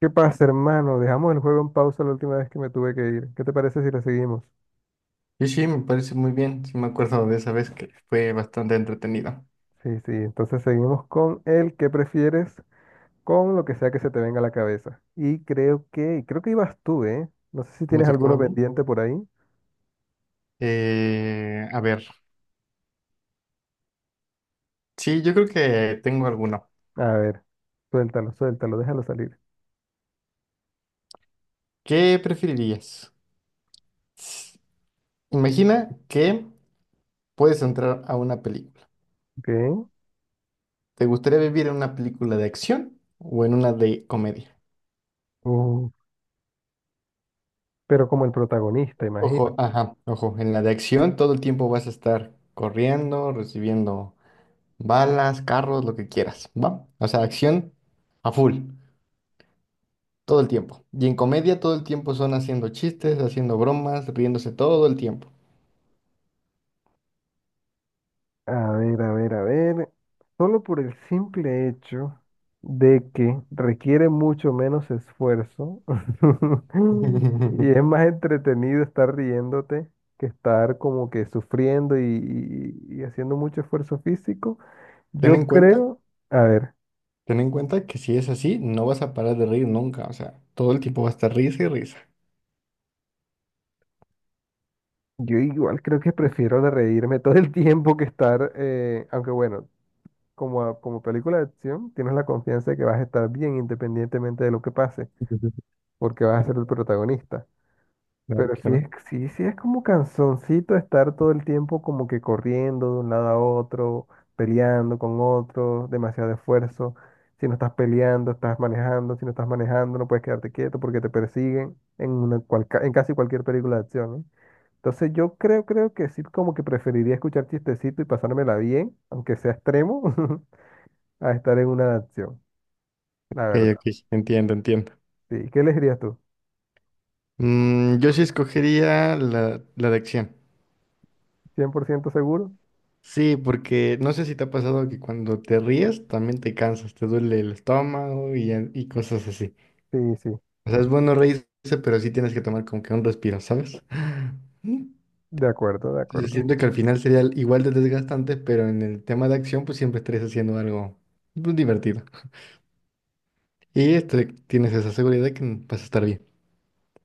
¿Qué pasa, hermano? Dejamos el juego en pausa la última vez que me tuve que ir. ¿Qué te parece si lo seguimos? Sí, me parece muy bien. Sí, me acuerdo de esa vez que fue bastante entretenido. Sí, sí, entonces seguimos con el que prefieres, con lo que sea que se te venga a la cabeza. Y creo que ibas tú, ¿eh? No sé si Me tienes tocaba a alguno mí. pendiente por ahí. A ver, sí, yo creo que tengo alguno. A ver, suéltalo, suéltalo, déjalo salir. ¿Qué preferirías? S- Imagina que puedes entrar a una película. Ok. ¿Te gustaría vivir en una película de acción o en una de comedia? Uh, pero como el protagonista, imagino. Ojo, ajá, ojo, en la de acción todo el tiempo vas a estar corriendo, recibiendo balas, carros, lo que quieras, ¿va? O sea, acción a full. Todo el tiempo. Y en comedia todo el tiempo son haciendo chistes, haciendo bromas, riéndose todo el tiempo. A ver, a ver, a ver. Solo por el simple hecho de que requiere mucho menos esfuerzo y es más entretenido estar riéndote que estar como que sufriendo y haciendo mucho esfuerzo físico, Ten yo en cuenta, creo, a ver, ten en cuenta que si es así, no vas a parar de reír nunca. O sea, todo el tiempo va a estar risa y risa. yo igual creo que prefiero de reírme todo el tiempo que estar, aunque bueno, como película de acción, tienes la confianza de que vas a estar bien independientemente de lo que pase, porque vas a ser el protagonista. Claro, Pero sí claro. Ok, es, sí, sí es como cansoncito estar todo el tiempo como que corriendo de un lado a otro, peleando con otro, demasiado esfuerzo. Si no estás peleando, estás manejando, si no estás manejando, no puedes quedarte quieto porque te persiguen en una en casi cualquier película de acción, ¿eh? Entonces yo creo que sí como que preferiría escuchar chistecito y pasármela bien, aunque sea extremo, a estar en una de acción, la verdad. ok. Entiendo, entiendo. Sí, ¿qué elegirías tú? Mm, yo sí escogería la de acción. ¿Cien por ciento seguro? Sí, porque no sé si te ha pasado que cuando te ríes también te cansas, te duele el estómago y cosas así. Sí, sí, O sea, es bueno reírse, pero sí tienes que tomar como que un respiro, ¿sabes? de acuerdo, de Entonces acuerdo. siento que al final sería igual de desgastante, pero en el tema de acción pues siempre estarías haciendo algo pues, divertido. Y este, tienes esa seguridad de que vas a estar bien.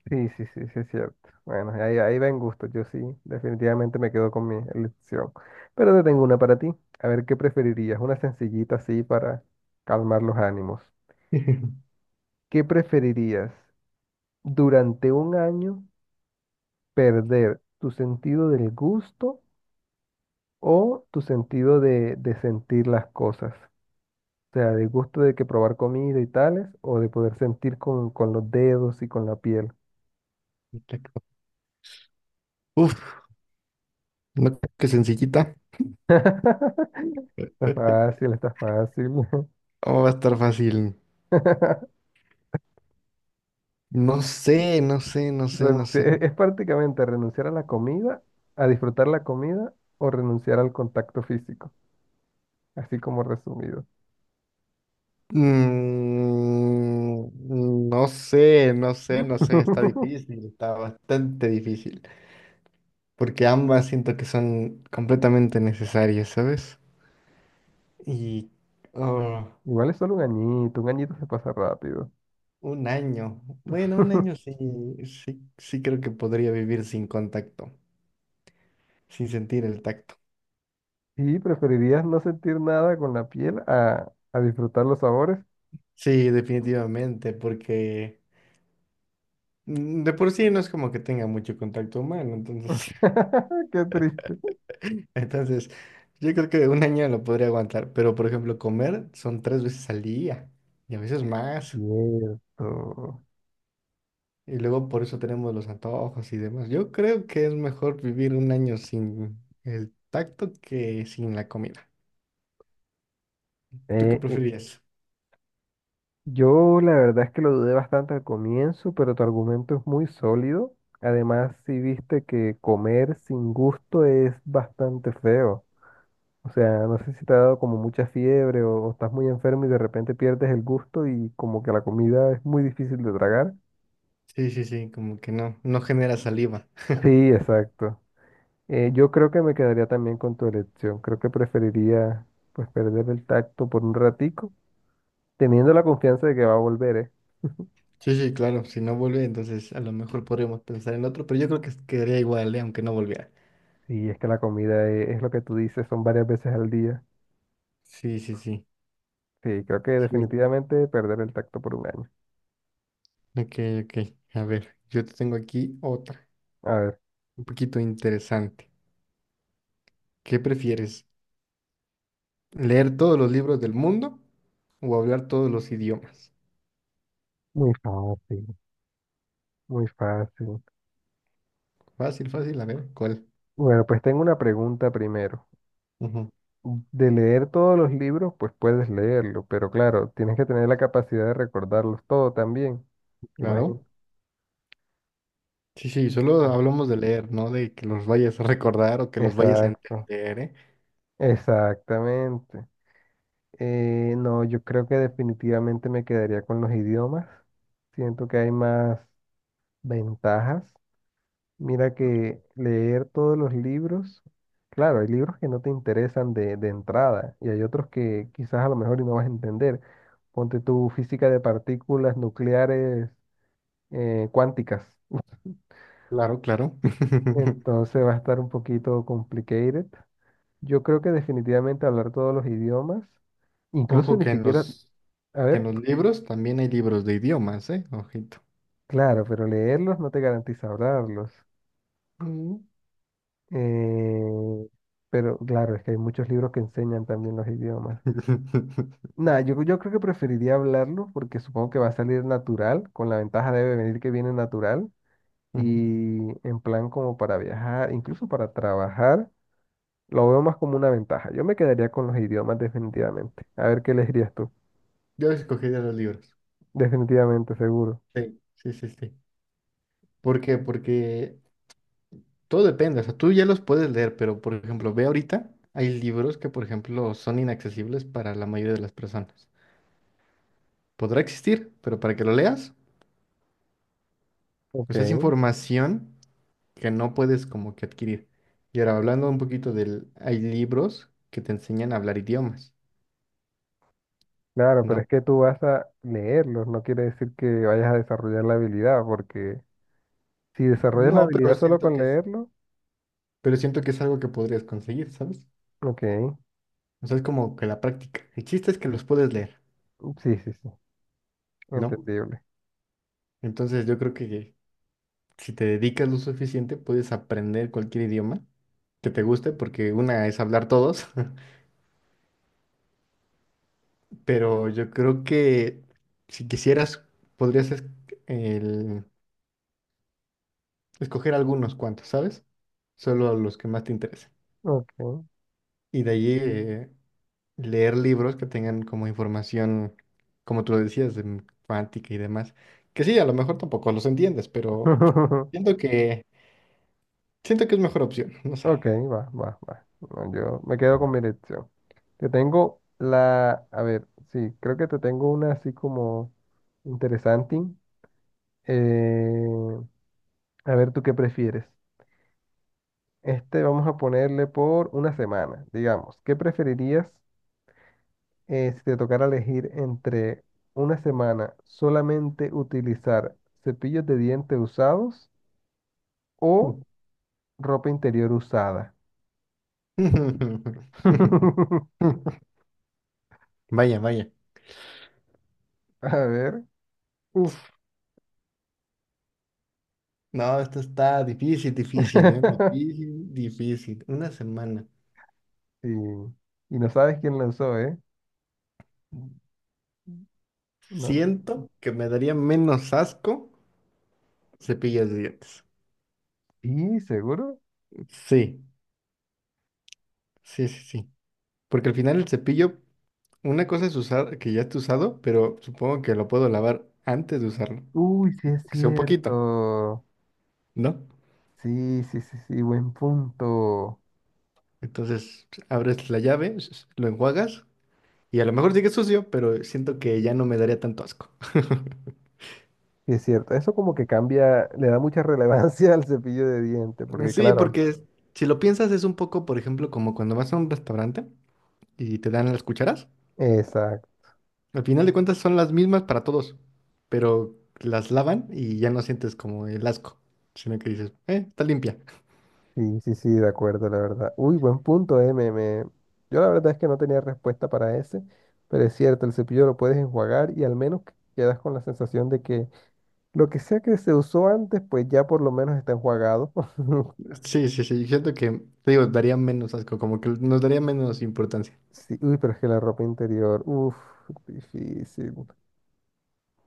Sí, sí, sí, sí, es cierto. Bueno, ahí va en gusto. Yo sí, definitivamente me quedo con mi elección. Pero te tengo una para ti. A ver, ¿qué preferirías? Una sencillita así para calmar los ánimos. ¿Qué preferirías? ¿Durante un año perder tu sentido del gusto o tu sentido de sentir las cosas? O sea, del gusto de que probar comida y tales, o de poder sentir con los dedos y con la piel. Exacto. Uf, no, qué sencillita. Está fácil, está fácil. ¿Cómo va a estar fácil? No sé, no sé, no sé, no Renunciar- sé. Es prácticamente renunciar a la comida, a disfrutar la comida o renunciar al contacto físico, así como resumido. Mm, no sé, no sé, no sé. Está difícil, está bastante difícil. Porque ambas siento que son completamente necesarias, ¿sabes? Y... oh. Igual es solo un añito se pasa rápido. Un año. Bueno, un año sí, sí, sí creo que podría vivir sin contacto, sin sentir el tacto. ¿Y preferirías no sentir nada con la piel a disfrutar los sabores? Sí, definitivamente, porque mm, de por sí no es como que tenga mucho contacto humano, entonces, Qué triste. entonces yo creo que un año lo podría aguantar, pero por ejemplo, comer son 3 veces al día y a veces Es más, cierto. y luego por eso tenemos los antojos y demás. Yo creo que es mejor vivir un año sin el tacto que sin la comida. ¿Tú qué Eh, eh, preferirías? Yo la verdad es que lo dudé bastante al comienzo, pero tu argumento es muy sólido. Además, si viste que comer sin gusto es bastante feo. O sea, no sé si te ha dado como mucha fiebre o estás muy enfermo y de repente pierdes el gusto y como que la comida es muy difícil de tragar. Sí, sí, sí, como que no, no genera saliva. Sí, exacto. Yo creo que me quedaría también con tu elección. Creo que preferiría pues perder el tacto por un ratico, teniendo la confianza de que va a volver, ¿eh? Sí, sí, claro, si no vuelve, entonces a lo mejor podríamos pensar en otro, pero yo creo que quedaría igual, ¿eh? Aunque no volviera. Sí, es que la comida es lo que tú dices, son varias veces al día. Sí, sí, sí. Sí, creo que Sí. definitivamente perder el tacto por un año. Ok, ok. A ver, yo te tengo aquí otra, A ver, un poquito interesante. ¿Qué prefieres? ¿Leer todos los libros del mundo o hablar todos los idiomas? muy fácil, muy fácil. Fácil, fácil, a ver, ¿cuál? Bueno, pues tengo una pregunta primero. Ujú. De leer todos los libros, pues puedes leerlo, pero claro, tienes que tener la capacidad de recordarlos todo también. Imagínate. Claro. Sí, sí, solo hablamos de leer, no de que los vayas a recordar o que los vayas a Exacto, entender, ¿eh? exactamente. No, yo creo que definitivamente me quedaría con los idiomas. Siento que hay más ventajas. Mira que leer todos los libros, claro, hay libros que no te interesan de entrada y hay otros que quizás a lo mejor y no vas a entender. Ponte tu física de partículas nucleares, cuánticas. Claro, claro. Entonces va a estar un poquito complicated. Yo creo que definitivamente hablar todos los idiomas, incluso Ojo ni que siquiera, a que en ver, los libros también hay libros de idiomas, ¿eh? Ojito. claro, pero leerlos no te garantiza hablarlos. Mm. Eh, pero claro, es que hay muchos libros que enseñan también los idiomas. Nah, yo creo que preferiría hablarlo porque supongo que va a salir natural, con la ventaja de venir que viene natural Ujú. y en plan como para viajar, incluso para trabajar, lo veo más como una ventaja. Yo me quedaría con los idiomas definitivamente. A ver qué elegirías tú. Yo escogería los libros. Definitivamente, seguro. Sí, sí, sí, sí. ¿Por qué? Porque todo depende. O sea, tú ya los puedes leer, pero por ejemplo, ve ahorita, hay libros que, por ejemplo, son inaccesibles para la mayoría de las personas. Podrá existir, pero para que lo leas, Ok, pues es información que no puedes como que adquirir. Y ahora hablando un poquito del, hay libros que te enseñan a hablar idiomas, claro, pero ¿no? es que tú vas a leerlos, no quiere decir que vayas a desarrollar la habilidad, porque si desarrollas la No, pero habilidad solo siento con que es, leerlo, pero siento que es algo que podrías conseguir, ¿sabes? ok, O sea, es como que la práctica. El chiste es que los puedes leer, sí, sí, sí, ¿no? entendible. Entonces yo creo que si te dedicas lo suficiente, puedes aprender cualquier idioma que te guste, porque una es hablar todos, pero yo creo que si quisieras, podrías el- escoger algunos cuantos, ¿sabes? Solo los que más te interesen. Ok. Y de allí, leer libros que tengan como información, como tú lo decías, de cuántica y demás. Que sí, a lo mejor tampoco los entiendes, pero siento que siento que es mejor opción, no sé. Ok, va, va, va. No, yo me quedo con mi elección. Te tengo la, a ver, sí, creo que te tengo una así como interesante. Eh, a ver, ¿tú qué prefieres? Este vamos a ponerle por una semana, digamos. ¿Qué preferirías, si te tocara elegir entre una semana solamente utilizar cepillos de dientes usados o ropa interior usada? Vaya, vaya. A ver. Uf, no, esto está difícil, difícil, ¿eh? Difícil, difícil. Una semana. Sí. Y no sabes quién lanzó, ¿eh? No. Siento que me daría menos asco cepillas de dientes. Sí, seguro. Sí, sí, sí, sí. Porque al final el cepillo, una cosa es usar, que ya esté usado, pero supongo que lo puedo lavar antes de usarlo. Uy, sí es Que sea un poquito, cierto. ¿no? Sí, sí, sí, sí, buen punto. Entonces abres la llave, lo enjuagas y a lo mejor sigue sucio, pero siento que ya no me daría tanto asco. Sí es cierto. Eso como que cambia, le da mucha relevancia al cepillo de dientes, porque Sí, claro, porque si lo piensas es un poco, por ejemplo, como cuando vas a un restaurante y te dan las cucharas. exacto. Al final de cuentas son las mismas para todos, pero las lavan y ya no sientes como el asco, sino que dices, está limpia. Sí, sí, sí, de acuerdo, la verdad. Uy, buen punto, eh. Yo la verdad es que no tenía respuesta para ese, pero es cierto, el cepillo lo puedes enjuagar y al menos quedas con la sensación de que lo que sea que se usó antes, pues ya por lo menos está enjuagado. Sí, sí, sí. Siento que, te digo, daría menos asco, como que nos daría menos importancia. Sí, uy, pero es que la ropa interior, uff, difícil.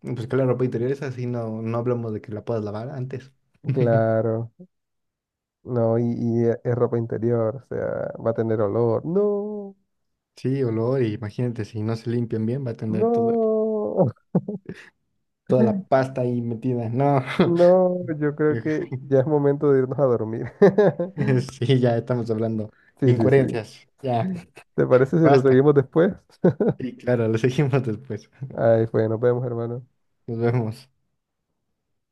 Y pues que la ropa interior es así, no, no hablamos de que la puedas lavar antes. Claro, no, es ropa interior, o sea, va a tener olor. No, Sí, olor, y imagínate, si no se limpian bien, va a tener no, toda la pasta ahí metida. No. no, yo creo que ya es momento de irnos a dormir. Sí, ya estamos hablando. Sí, sí, sí. Incoherencias. Ya, ¿Te parece si lo basta. seguimos después? Y claro, lo seguimos después. Ay, pues nos vemos, hermano. Nos vemos.